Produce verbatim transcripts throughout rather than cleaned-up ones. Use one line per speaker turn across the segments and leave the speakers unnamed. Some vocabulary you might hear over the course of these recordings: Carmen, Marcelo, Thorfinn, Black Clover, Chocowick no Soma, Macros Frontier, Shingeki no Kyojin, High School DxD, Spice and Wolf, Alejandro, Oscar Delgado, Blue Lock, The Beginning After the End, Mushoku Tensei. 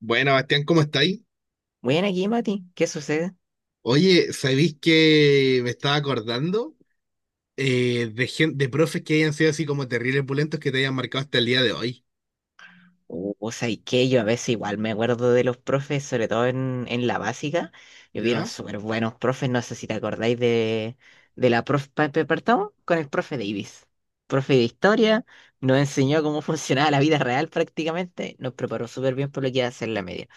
Bueno, Bastián, ¿cómo estáis?
Bueno, aquí, Mati, ¿qué sucede?
Oye, ¿sabéis que me estaba acordando eh, de, gen- de profes que hayan sido así como terribles pulentos que te hayan marcado hasta el día de hoy?
O o sea, y que yo a veces igual me acuerdo de los profes, sobre todo en, en, la básica. Yo vieron
¿Ya?
súper buenos profes, no sé si te acordáis de, de la profe Pepe Partón con el profe Davis. Profe de historia, nos enseñó cómo funcionaba la vida real prácticamente, nos preparó súper bien por lo que iba a ser la media.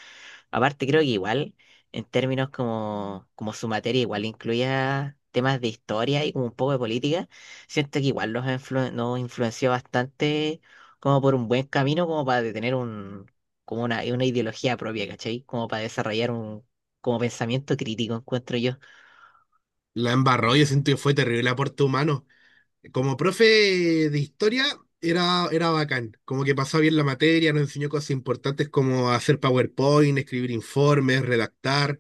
Aparte, creo que igual, en términos como, como, su materia, igual incluía temas de historia y como un poco de política, siento que igual nos, influ- nos influenció bastante como por un buen camino, como para tener un, como una, una ideología propia, ¿cachai? Como para desarrollar un como pensamiento crítico, encuentro yo.
La embarró, yo siento que fue terrible aporte humano. Como profe de historia, era, era bacán. Como que pasó bien la materia, nos enseñó cosas importantes como hacer PowerPoint, escribir informes, redactar,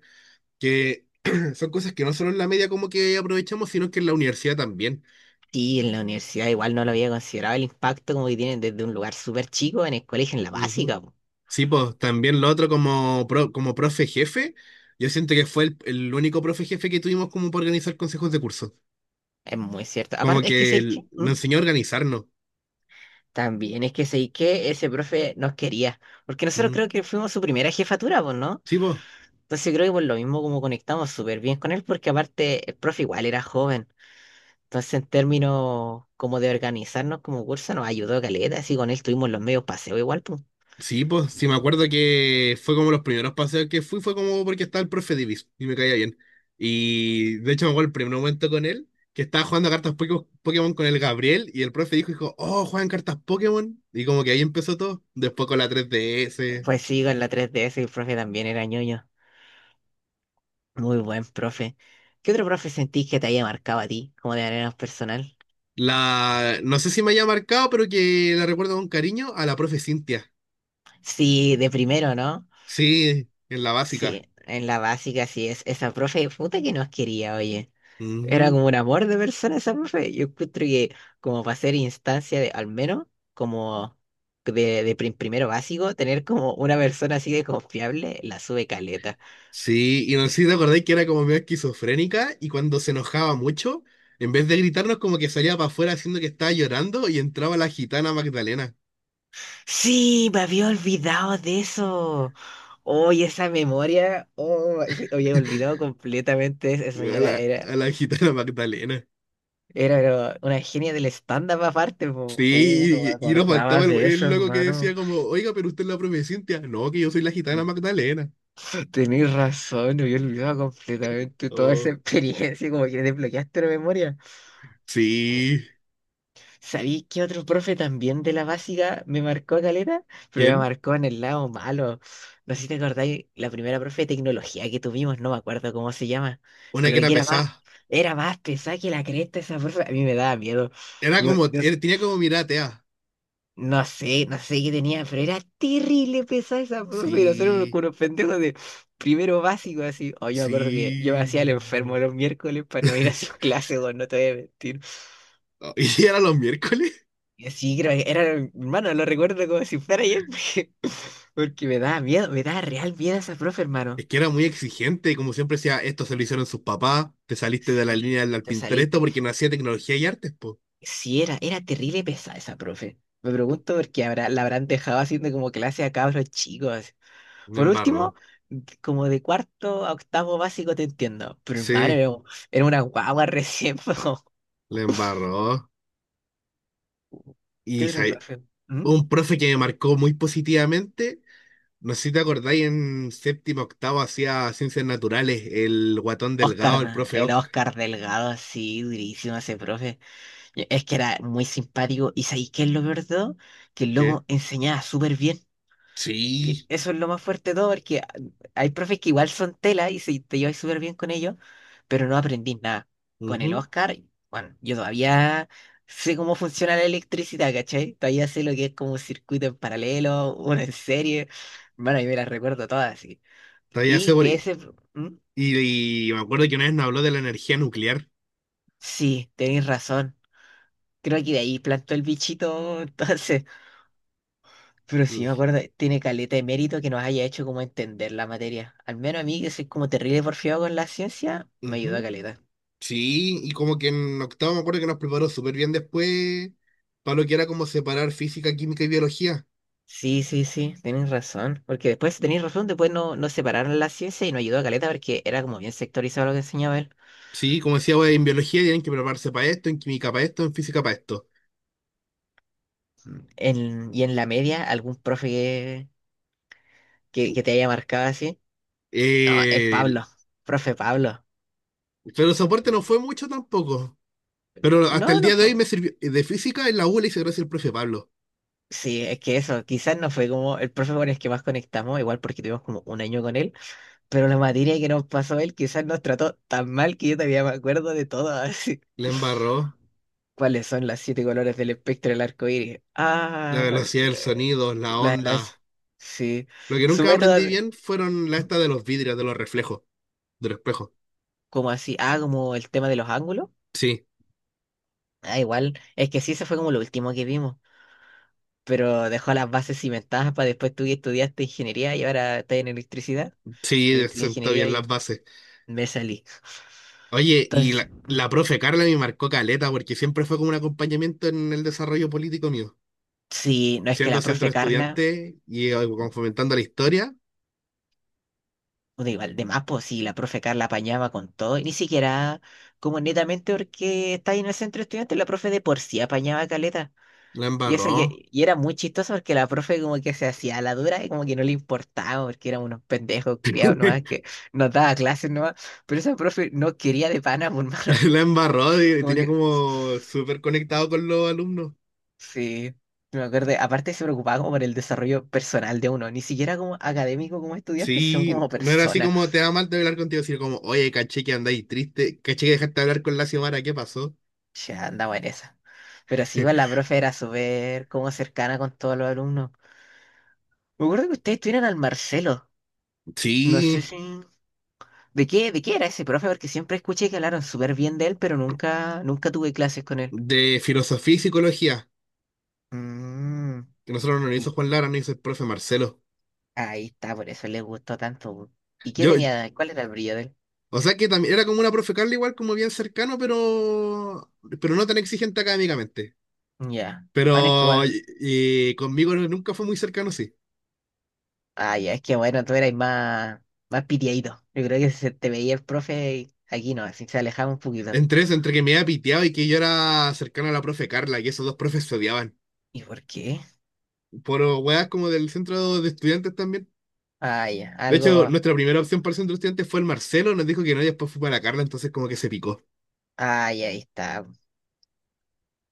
que son cosas que no solo en la media como que aprovechamos, sino que en la universidad también.
Sí, en la universidad igual no lo había considerado el impacto como que tienen desde un lugar súper chico en el colegio, en la básica. po.
Sí, pues también lo otro como, pro- como profe jefe, yo siento que fue el, el único profe jefe que tuvimos como para organizar consejos de curso.
Es muy cierto.
Como
Aparte, es que,
que
¿sabéis qué?
el- nos
¿Mm?
enseñó a organizarnos.
También es que sé que ese profe nos quería, porque nosotros
Mm.
creo que fuimos su primera jefatura, pues, ¿no?
Sí, pues,
Entonces creo que por lo mismo como conectamos súper bien con él, porque aparte el profe igual era joven. Entonces en términos como de organizarnos como curso nos ayudó caleta, así con él tuvimos los medios paseo igual, pues.
sí, pues, sí me acuerdo que fue como los primeros paseos que fui, fue como porque estaba el profe Divis y me caía bien. Y de hecho me acuerdo el primer momento con él, que estaba jugando a cartas Poké- Pokémon con el Gabriel y el profe dijo, dijo, oh, juegan cartas Pokémon. Y como que ahí empezó todo, después con la tres D S.
Pues sí, con la tres D S el profe también era ñoño. Muy buen profe. ¿Qué otro profe sentís que te haya marcado a ti, como de manera más personal?
La, no sé si me haya marcado, pero que la recuerdo con cariño a la profe Cintia.
Sí, de primero, ¿no?
Sí, en la básica.
Sí, en la básica sí es esa profe puta que nos quería, oye. Era
Ujú.
como un amor de persona esa profe. Yo encuentro que como para ser instancia de, al menos, como de, de prim- primero básico, tener como una persona así de confiable, la sube caleta.
Sí, y no sé si te acordáis que era como medio esquizofrénica y cuando se enojaba mucho, en vez de gritarnos como que salía para afuera haciendo que estaba llorando y entraba la gitana Magdalena.
Sí, me había olvidado de eso. Oye, esa memoria, oh, sí, había olvidado completamente. Esa
A la,
señora era,
a la gitana Magdalena.
era pero una genia del stand-up aparte. po. Uh, no me
Sí, y, y nos
acordaba
faltaba el,
de
el
eso,
loco que decía
hermano.
como, oiga, pero usted es la profe Cintia. No, que yo soy la gitana Magdalena.
Tenés razón, me había olvidado completamente toda esa
Oh,
experiencia, como que desbloqueaste la memoria.
sí.
¿Sabís que otro profe también de la básica me marcó caleta? Pero me
¿Quién?
marcó en el lado malo. No sé si te acordáis, la primera profe de tecnología que tuvimos, no me acuerdo cómo se llama,
Una
pero
que era
que era más,
pesada.
era más pesada que la cresta esa profe. A mí me daba miedo.
Era
Yo,
como,
yo
era- tenía como mirada atea.
No sé, no sé qué tenía, pero era terrible pesada esa profe. y Nosotros éramos como
Sí,
unos pendejos de primero básico, así. Oh, yo me acuerdo que yo me hacía el
sí.
enfermo los miércoles para no ir a sus clases, weón, no te voy a mentir.
Oh, Y si era los miércoles,
Y así, creo que era, hermano, lo recuerdo como si fuera ayer, porque, porque, me daba miedo, me daba real miedo esa profe,
es
hermano.
que era muy exigente. Y como siempre decía, esto se lo hicieron sus papás. Te saliste de la
Sí,
línea del
te
Pinterest
saliste.
porque no hacía tecnología y artes, po.
Sí, era, era terrible pesada esa profe. Me pregunto por qué habrá, la habrán dejado haciendo como clase a cabros chicos.
Le
Por último,
embarró.
como de cuarto a octavo básico te entiendo. Pero hermano,
Sí,
era era una guagua recién. po.
le embarró.
¿Qué
Y sa-
otro profe? ¿Mm?
un profe que me marcó muy positivamente. No sé si te acordáis, en séptimo, octavo hacía ciencias naturales, el guatón
Oscar,
delgado, el
¿no?
profe
el
Ock.
Oscar Delgado, sí, durísimo ese profe. Y Es que era muy simpático. ¿Y sabéis qué es lo peor de todo? Que el
¿Qué?
loco enseñaba súper bien. Y
Sí.
eso es lo más fuerte de todo, porque hay profes que igual son tela y si te llevas súper bien con ellos, pero no aprendí nada. Con el
Ujú.
Oscar, bueno, yo todavía sé cómo funciona la electricidad, ¿cachai? Todavía sé lo que es como un circuito en paralelo, uno en serie. Bueno, yo me las recuerdo todas, así.
Todavía se.
Y que ese... ¿Mm?
Y, y me acuerdo que una vez nos habló de la energía nuclear.
Sí, tenéis razón. Creo que de ahí plantó el bichito, entonces. Pero sí me
L-
acuerdo, tiene caleta de mérito que nos haya hecho como entender la materia. Al menos a mí, que soy como terrible porfiado con la ciencia, me ayudó a
ujú.
caleta.
Sí, y como que en octavo me acuerdo que nos preparó súper bien después para lo que era como separar física, química y biología.
Sí, sí, sí, tenés razón. Porque después, tenés razón, después no, no separaron la ciencia y nos ayudó a caleta porque era como bien sectorizado lo que enseñaba él.
Sí, como decía, wey, en biología tienen que prepararse para esto, en química para esto, en física para esto.
En- y en la media, algún profe que, que, que te haya marcado así. No, el
Eh,
Pablo, profe Pablo.
pero el soporte no fue mucho tampoco. Pero hasta
No,
el
no
día de
fue.
hoy me sirvió, eh, de física en la U le hice gracias al profe Pablo.
Sí, es que eso, quizás no fue como el profe con el que más conectamos, igual porque tuvimos como un año con él. Pero la materia que nos pasó él quizás nos trató tan mal que yo todavía me acuerdo de todo. Así.
Le embarró
¿Cuáles son las siete colores del espectro del arco iris?
la
Ah,
velocidad del
eh,
sonido, la
la-
onda.
las. Sí.
Lo que
Su
nunca
método.
aprendí
de-
bien fueron la
¿Mm?
esta de los vidrios, de los reflejos. Del espejo.
¿Cómo así? Ah, como el tema de los ángulos.
Sí,
Ah, igual. Es que sí, eso fue como lo último que vimos. Pero dejó las bases cimentadas para después tú que estudiaste ingeniería y ahora estás en electricidad. Yo
sí,
estudié
sentó
ingeniería
bien las
y
bases.
me salí.
Oye, y
Entonces,
la,
mm,
la profe Carla me marcó caleta porque siempre fue como un acompañamiento en el desarrollo político mío.
sí, no es que
Siendo
la
centro
profe Carla.
estudiante y, eh, como fomentando la historia,
Puta, Igual, de más, pues si la profe Carla apañaba con todo, y ni siquiera como netamente porque está ahí en el centro estudiante, la profe de por sí apañaba caleta.
la
Y eso
embarró.
que, y era muy chistoso porque la profe como que se hacía la dura y como que no le importaba, porque eran unos pendejos criados nomás que nos daba clases nomás, pero esa profe no quería de pana, por mano.
La embarró y
Como
tenía
que
como súper conectado con los alumnos.
sí, me acuerdo, aparte se preocupaba como por el desarrollo personal de uno, ni siquiera como académico como estudiante, sino
Sí,
como
no era así
persona.
como te da mal de hablar contigo, sino como, oye, caché que andáis triste, caché que dejaste de hablar con la Xiomara, ¿qué pasó?
Ya andamos en esa. Pero sí, igual la profe era súper como cercana con todos los alumnos. Me acuerdo que ustedes tuvieron al Marcelo. No sé
Sí,
si. ¿De qué, de qué era ese profe? Porque siempre escuché que hablaron súper bien de él, pero nunca, nunca tuve clases con él.
de filosofía y psicología.
Mm,
Que nosotros no nos hizo
y
Juan Lara, nos hizo el profe Marcelo.
ahí está, por eso le gustó tanto. bu. ¿Y qué
Yo,
tenía? ¿Cuál era el brillo de él?
o sea que también era como una profe Carla, igual como bien cercano, pero, pero no tan exigente académicamente.
Ya. Bueno, es que
Pero
igual.
y, y conmigo nunca fue muy cercano, sí.
Ah, ya, es que bueno, tú eras más, más, pitiadito. Yo creo que se te veía el profe y aquí no, así se alejaba un poquito.
Entre eso, entre que me había piteado y que yo era cercano a la profe Carla, y esos dos profes se odiaban.
¿Y por qué?
Por weas como del centro de estudiantes también.
Ah, ya,
De hecho,
algo.
nuestra primera opción para el centro de estudiantes fue el Marcelo, nos dijo que no, y después fue para la Carla, entonces como que se picó.
Ay, ahí está.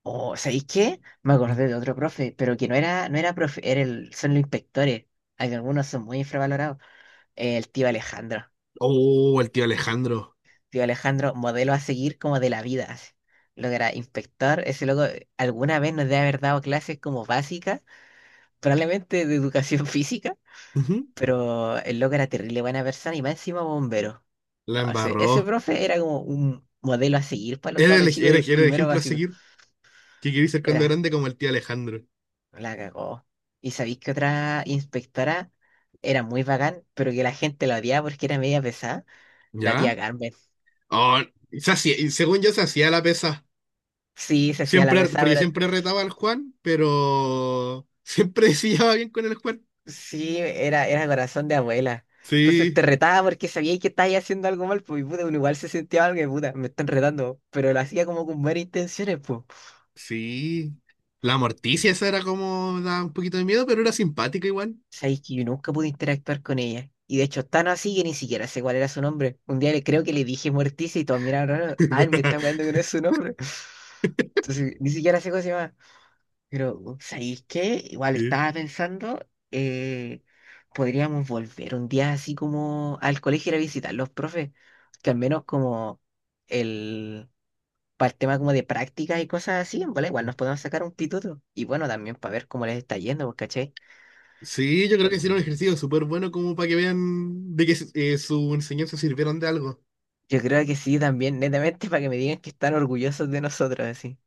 Oh, ¿sabéis qué? Me acordé de otro profe, pero que no era, no era profe, era el, son los inspectores. Hay algunos son muy infravalorados. El tío Alejandro.
Oh, el tío Alejandro.
Tío Alejandro, modelo a seguir como de la vida. así. Lo que era inspector, ese loco eh, alguna vez nos debe haber dado clases como básicas, probablemente de educación física,
Ujú.
pero el loco era terrible buena persona y más encima bombero.
La
No, ese, ese,
embarró.
profe era como un modelo a seguir para los
Era el,
cabros chicos
era-
de
era el
primero
ejemplo a
básico.
seguir. Que quería ser cuando
Era
grande como el tío Alejandro.
La cagó. ¿Y sabéis que otra inspectora era muy bacán, pero que la gente la odiaba porque era media pesada? La
¿Ya?
tía Carmen.
Oh, se hacía- y según yo se hacía la pesa.
Sí, se hacía la
Siempre,
pesada,
porque
pero
siempre retaba al Juan, pero siempre se llevaba bien con el Juan.
sí, era, era corazón de abuela. Entonces te
Sí,
retaba porque sabía que estabas haciendo algo mal, pues y puta, uno igual se sentía algo que puta, me están retando, pero lo hacía como con buenas intenciones, pues
sí. La Morticia esa era como, da un poquito de miedo, pero era simpática igual.
Sabéis que yo nunca pude interactuar con ella. Y de hecho, tan así que ni siquiera sé cuál era su nombre. Un día le creo que le dije Morticia y todos miraron raro. Ah, él me está jugando que no es su nombre. Entonces, ni siquiera sé cómo se llama. Pero, ¿sabéis qué? Igual
Sí.
estaba pensando, eh, podríamos volver un día así como al colegio ir a visitar los profes. Que al menos como el, para el tema como de prácticas y cosas así, en bola igual nos podemos sacar un pituto. Y bueno, también para ver cómo les está yendo, pues, ¿cachai?
Sí, yo creo que hicieron un ejercicio súper bueno como para que vean de que, eh, su enseñanza sirvieron de algo.
Yo creo que sí también, netamente para que me digan que están orgullosos de nosotros, así.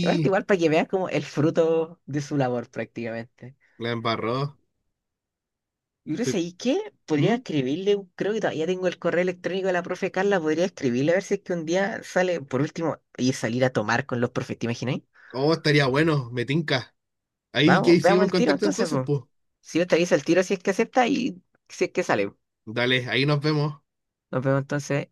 Y aparte igual para que veas como el fruto de su labor prácticamente.
la embarró.
Y no sé,
Te-
¿y qué? Podría
¿Mm?
escribirle, un- creo que todavía tengo el correo electrónico de la profe Carla, podría escribirle a ver si es que un día sale, por último, y salir a tomar con los profes, ¿te imagináis?
Oh, estaría bueno, me tinca. Ahí
Vamos,
que
veamos
seguimos en
el tiro
contacto
entonces,
entonces,
po.
pues.
Si no te avisa el tiro, si es que acepta y si es que sale.
Dale, ahí nos vemos.
Nos vemos entonces.